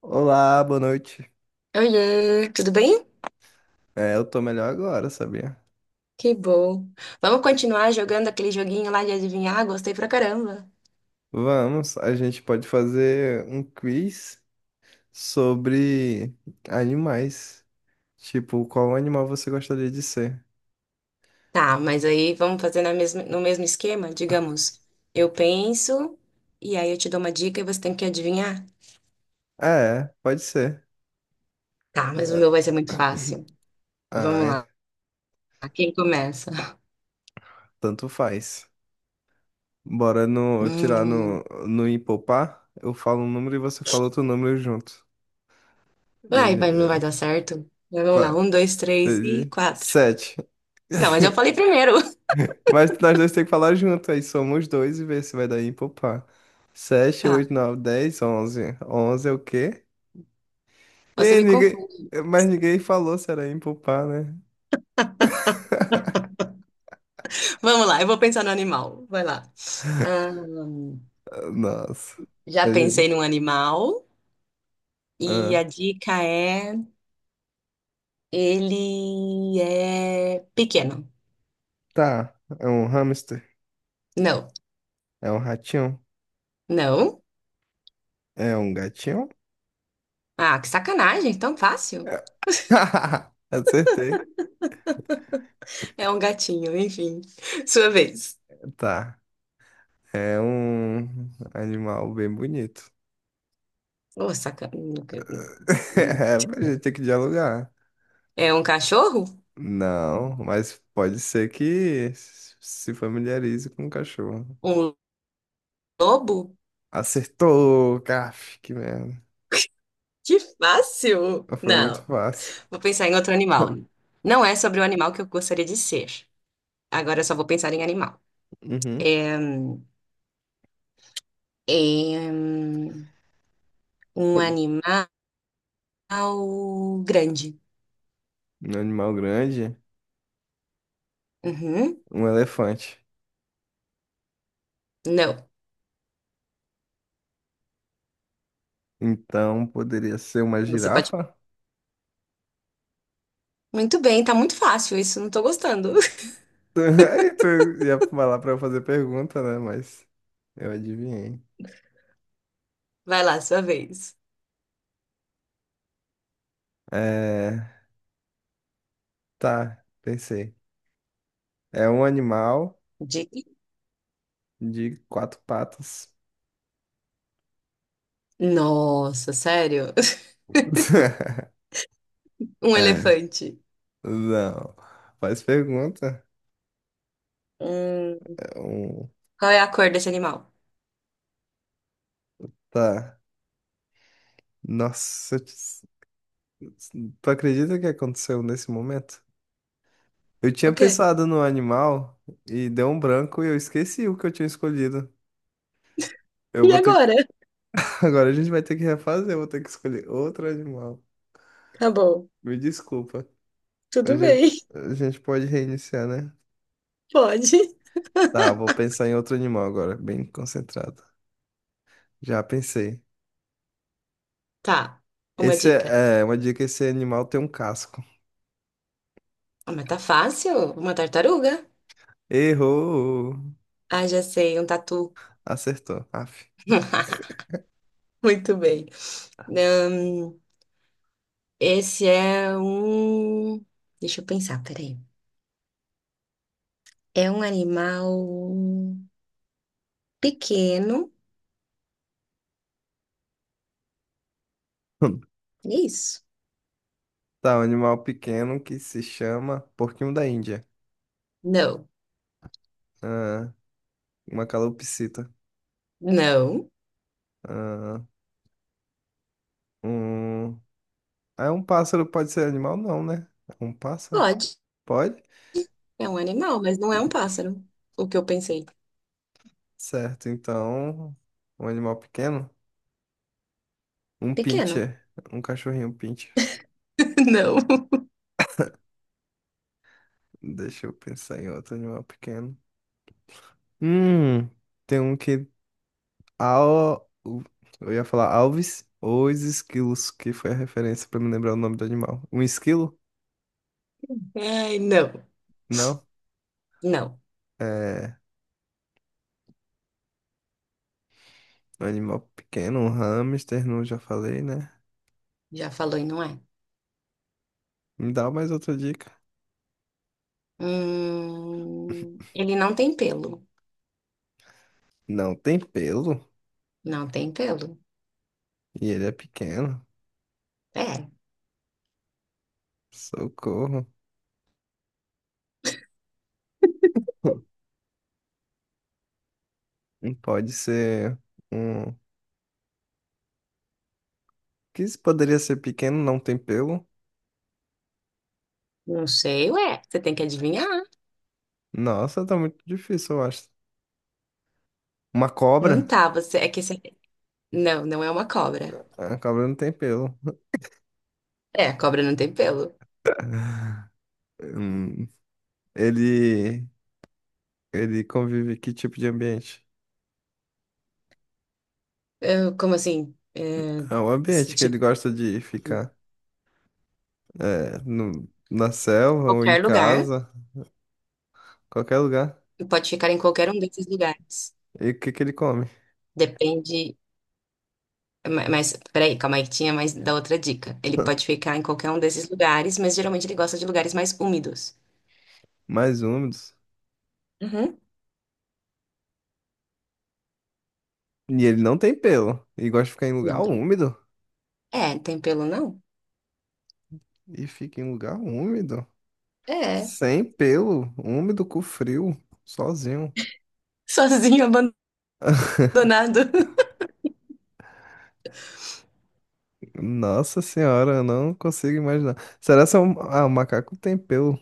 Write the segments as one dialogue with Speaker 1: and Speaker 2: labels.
Speaker 1: Olá, boa noite.
Speaker 2: Oiê, tudo bem?
Speaker 1: É, eu tô melhor agora, sabia?
Speaker 2: Que bom. Vamos continuar jogando aquele joguinho lá de adivinhar? Gostei pra caramba.
Speaker 1: Vamos, a gente pode fazer um quiz sobre animais. Tipo, qual animal você gostaria de ser?
Speaker 2: Tá, mas aí vamos fazer na mesma, no mesmo esquema? Digamos, eu penso e aí eu te dou uma dica e você tem que adivinhar.
Speaker 1: É, pode ser.
Speaker 2: Tá, mas o
Speaker 1: É,
Speaker 2: meu vai ser muito fácil. Vamos
Speaker 1: ai,
Speaker 2: lá. Quem começa?
Speaker 1: tanto faz. Bora no, tirar no,
Speaker 2: Hum,
Speaker 1: no empopar. Eu falo um número e você fala outro número junto. E a
Speaker 2: vai,
Speaker 1: gen-
Speaker 2: vai, não vai dar
Speaker 1: é,
Speaker 2: certo? Mas vamos lá,
Speaker 1: claro.
Speaker 2: um, dois, três
Speaker 1: Seis
Speaker 2: e
Speaker 1: e...
Speaker 2: quatro.
Speaker 1: sete.
Speaker 2: Não, mas eu falei primeiro.
Speaker 1: Mas nós dois temos que falar junto, aí somos dois e ver se vai dar ímpar ou par. 7,
Speaker 2: Tá,
Speaker 1: 8, 9, onze, 11. É o quê?
Speaker 2: você
Speaker 1: E
Speaker 2: me
Speaker 1: ninguém...
Speaker 2: confunde.
Speaker 1: Mas ninguém falou se era ímpar, né?
Speaker 2: Vamos lá, eu vou pensar no animal. Vai lá. Ah,
Speaker 1: Nossa.
Speaker 2: já
Speaker 1: A gente-
Speaker 2: pensei num animal. E
Speaker 1: Ah,
Speaker 2: a dica é: ele é pequeno.
Speaker 1: tá, é um hamster,
Speaker 2: Não,
Speaker 1: é um ratinho,
Speaker 2: não.
Speaker 1: é um gatinho.
Speaker 2: Ah, que sacanagem, tão fácil.
Speaker 1: É- Acertei.
Speaker 2: É um gatinho, enfim. Sua vez.
Speaker 1: Tá, é um animal bem bonito.
Speaker 2: Oh, sacanagem.
Speaker 1: É, a gente tem que dialogar.
Speaker 2: É um cachorro?
Speaker 1: Não, mas pode ser que se familiarize com o cachorro.
Speaker 2: Um lobo?
Speaker 1: Acertou, caf, que merda.
Speaker 2: Que fácil!
Speaker 1: Foi muito
Speaker 2: Não,
Speaker 1: fácil.
Speaker 2: vou pensar em outro animal. Não é sobre o animal que eu gostaria de ser. Agora eu só vou pensar em animal.
Speaker 1: Uhum.
Speaker 2: É, é, hum, um animal grande.
Speaker 1: Um animal grande,
Speaker 2: Uhum.
Speaker 1: um elefante.
Speaker 2: Não.
Speaker 1: Então poderia ser uma
Speaker 2: Você pode.
Speaker 1: girafa?
Speaker 2: Muito bem, tá muito fácil isso, não tô gostando.
Speaker 1: Aí tu ia falar pra eu fazer pergunta, né? Mas eu adivinhei.
Speaker 2: Vai lá, sua vez.
Speaker 1: É, tá, pensei. É um animal
Speaker 2: Diga.
Speaker 1: de quatro patas.
Speaker 2: Nossa, sério? Um elefante.
Speaker 1: Não, faz pergunta.
Speaker 2: Hum,
Speaker 1: Um,
Speaker 2: qual é a cor desse animal?
Speaker 1: tá. Nossa, tu acredita que aconteceu nesse momento? Eu tinha
Speaker 2: O quê?
Speaker 1: pensado no animal e deu um branco e eu esqueci o que eu tinha escolhido. Eu
Speaker 2: E
Speaker 1: vou ter que...
Speaker 2: agora?
Speaker 1: Agora a gente vai ter que refazer, eu vou ter que escolher outro animal.
Speaker 2: Tá bom.
Speaker 1: Me desculpa. A
Speaker 2: Tudo bem,
Speaker 1: gente, a gente pode reiniciar, né?
Speaker 2: pode.
Speaker 1: Tá, vou pensar em outro animal agora, bem concentrado. Já pensei.
Speaker 2: Tá, uma
Speaker 1: Esse
Speaker 2: dica.
Speaker 1: é, é uma dica, esse animal tem um casco.
Speaker 2: Ah, mas tá fácil. Uma tartaruga.
Speaker 1: Errou!
Speaker 2: Ah, já sei, um tatu.
Speaker 1: Acertou. Aff.
Speaker 2: Muito bem. Hum, esse é um. Deixa eu pensar, peraí. É um animal pequeno. É isso.
Speaker 1: Tá, um animal pequeno que se chama porquinho da Índia.
Speaker 2: Não.
Speaker 1: Ah, uma calopsita.
Speaker 2: Não.
Speaker 1: Ah, um... Ah, um pássaro pode ser animal? Não, né? Um pássaro?
Speaker 2: Pode.
Speaker 1: Pode?
Speaker 2: É um animal, mas não é um pássaro. O que eu pensei.
Speaker 1: Certo, então... Um animal pequeno? Um
Speaker 2: Pequeno.
Speaker 1: pincher. Um cachorrinho pincher.
Speaker 2: Não.
Speaker 1: Deixa eu pensar em outro animal pequeno. Hum, tem um que... Al... o- Eu ia falar alves ou os esquilos, que foi a referência pra me lembrar o nome do animal. Um esquilo?
Speaker 2: Ai, não.
Speaker 1: Não?
Speaker 2: Não.
Speaker 1: É... Um animal pequeno, um hamster, não já falei, né?
Speaker 2: Já falou e não é.
Speaker 1: Me dá mais outra dica.
Speaker 2: Ele não tem pelo.
Speaker 1: Não tem pelo
Speaker 2: Não tem pelo.
Speaker 1: e ele é pequeno.
Speaker 2: É.
Speaker 1: Socorro. Pode ser um. Que isso poderia ser pequeno, não tem pelo?
Speaker 2: Não sei, ué. Você tem que adivinhar.
Speaker 1: Nossa, tá muito difícil, eu acho. Uma
Speaker 2: Não
Speaker 1: cobra?
Speaker 2: tá, você. É que você. Não, não é uma cobra.
Speaker 1: Ah, a cobra não tem pelo.
Speaker 2: É, a cobra não tem pelo.
Speaker 1: Hum, Ele. Ele convive que tipo de ambiente?
Speaker 2: Como assim? É,
Speaker 1: É um
Speaker 2: se,
Speaker 1: ambiente que ele
Speaker 2: tipo,
Speaker 1: gosta de ficar. É, no... na selva ou em
Speaker 2: qualquer lugar.
Speaker 1: casa, qualquer lugar.
Speaker 2: Pode ficar em qualquer um desses lugares.
Speaker 1: E o que que ele come?
Speaker 2: Depende. Mas, peraí, calma aí que tinha mais da outra dica. Ele pode ficar em qualquer um desses lugares, mas geralmente ele gosta de lugares mais úmidos.
Speaker 1: Mais úmidos.
Speaker 2: Uhum.
Speaker 1: E ele não tem pelo. E gosta de ficar em lugar
Speaker 2: Não tem.
Speaker 1: úmido.
Speaker 2: É, tem pelo não?
Speaker 1: E fica em lugar úmido.
Speaker 2: É,
Speaker 1: Sem pelo, úmido, com frio, sozinho.
Speaker 2: sozinho, abandonado.
Speaker 1: Nossa senhora, eu não consigo imaginar. Será que é um... Ah, o macaco tem pelo.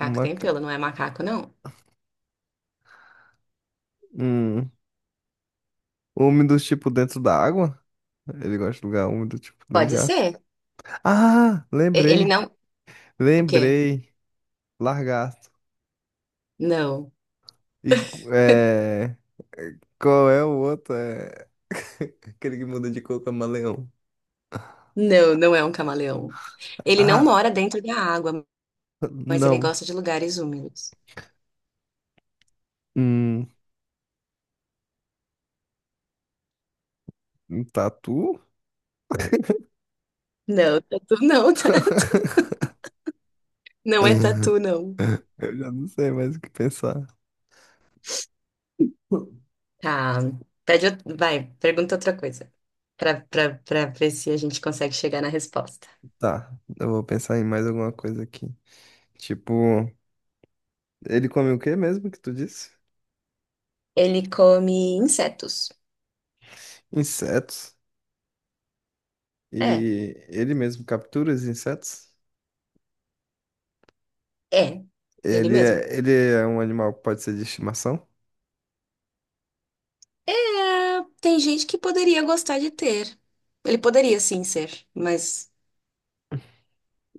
Speaker 1: Um
Speaker 2: tem
Speaker 1: maca...
Speaker 2: pelo, não é macaco, não?
Speaker 1: um úmido, tipo, dentro da água? Ele gosta de lugar úmido, tipo, dentro de
Speaker 2: Pode
Speaker 1: água.
Speaker 2: ser.
Speaker 1: Ah,
Speaker 2: Ele
Speaker 1: lembrei.
Speaker 2: não. O quê?
Speaker 1: Lembrei. Lagarto.
Speaker 2: Não.
Speaker 1: E é... qual é o outro? É... Aquele que muda de cor, com camaleão.
Speaker 2: Não, não é um camaleão. Ele não
Speaker 1: Ah,
Speaker 2: mora dentro da água, mas ele
Speaker 1: não.
Speaker 2: gosta de lugares úmidos.
Speaker 1: Hum, um tatu?
Speaker 2: Não, tatu não, tatu. Não é tatu, não.
Speaker 1: Eu já não sei mais o que pensar.
Speaker 2: Tá. Pede, vai, pergunta outra coisa. Pra ver se a gente consegue chegar na resposta.
Speaker 1: Tá, eu vou pensar em mais alguma coisa aqui. Tipo, ele come o que mesmo que tu disse?
Speaker 2: Ele come insetos.
Speaker 1: Insetos.
Speaker 2: É,
Speaker 1: E ele mesmo captura os insetos?
Speaker 2: é. Ele
Speaker 1: Ele
Speaker 2: mesmo.
Speaker 1: é, ele é um animal que pode ser de estimação?
Speaker 2: É, tem gente que poderia gostar de ter. Ele poderia sim ser, mas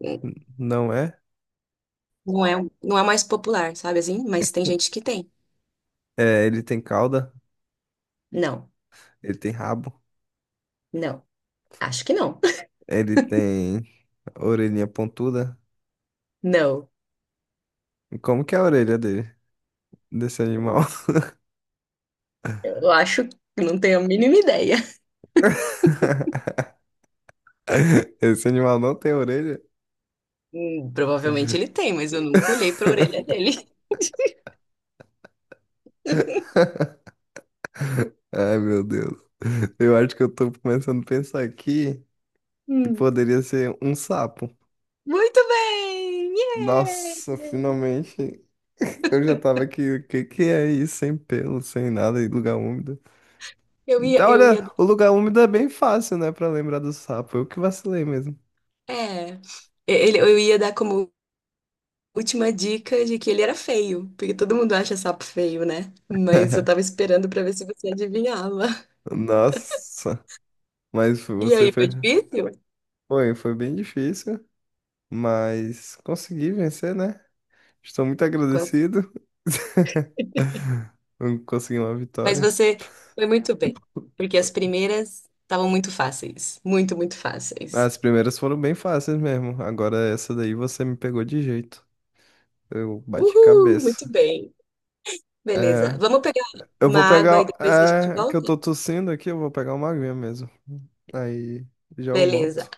Speaker 2: hum,
Speaker 1: Não é?
Speaker 2: não é, não é mais popular, sabe assim? Mas tem gente que tem.
Speaker 1: É, ele tem cauda,
Speaker 2: Não,
Speaker 1: ele tem rabo,
Speaker 2: não. Acho que não.
Speaker 1: ele tem orelhinha pontuda.
Speaker 2: Não.
Speaker 1: E como que é a orelha dele, desse animal?
Speaker 2: Eu acho que não tenho a mínima ideia.
Speaker 1: Esse animal não tem orelha?
Speaker 2: Provavelmente ele tem, mas eu nunca olhei pra orelha dele.
Speaker 1: Ai, meu Deus. Eu acho que eu tô começando a pensar aqui que poderia ser um sapo.
Speaker 2: Muito bem!
Speaker 1: Nossa,
Speaker 2: Yeah!
Speaker 1: finalmente. Eu já tava aqui. O que que é isso? Sem pelo, sem nada, e lugar úmido.
Speaker 2: Eu ia,
Speaker 1: Então,
Speaker 2: eu
Speaker 1: olha,
Speaker 2: ia,
Speaker 1: o lugar úmido é bem fácil, né? Pra lembrar do sapo. Eu que vacilei mesmo.
Speaker 2: é, eu ia dar como última dica de que ele era feio, porque todo mundo acha sapo feio, né? Mas eu tava esperando pra ver se você adivinhava.
Speaker 1: Nossa, mas
Speaker 2: E
Speaker 1: você
Speaker 2: aí,
Speaker 1: foi.
Speaker 2: foi difícil?
Speaker 1: Foi, foi bem difícil, mas consegui vencer, né? Estou muito
Speaker 2: Quanto-
Speaker 1: agradecido. Consegui uma
Speaker 2: Mas
Speaker 1: vitória.
Speaker 2: você foi muito bem, porque as primeiras estavam muito fáceis, muito fáceis.
Speaker 1: As primeiras foram bem fáceis mesmo. Agora essa daí você me pegou de jeito. Eu bati
Speaker 2: Uhul, muito
Speaker 1: cabeça.
Speaker 2: bem. Beleza,
Speaker 1: É,
Speaker 2: vamos pegar
Speaker 1: eu
Speaker 2: uma
Speaker 1: vou
Speaker 2: água e
Speaker 1: pegar.
Speaker 2: depois a gente
Speaker 1: É, que eu
Speaker 2: volta?
Speaker 1: tô tossindo aqui, eu vou pegar uma aguinha mesmo. Aí já eu
Speaker 2: Beleza.
Speaker 1: volto.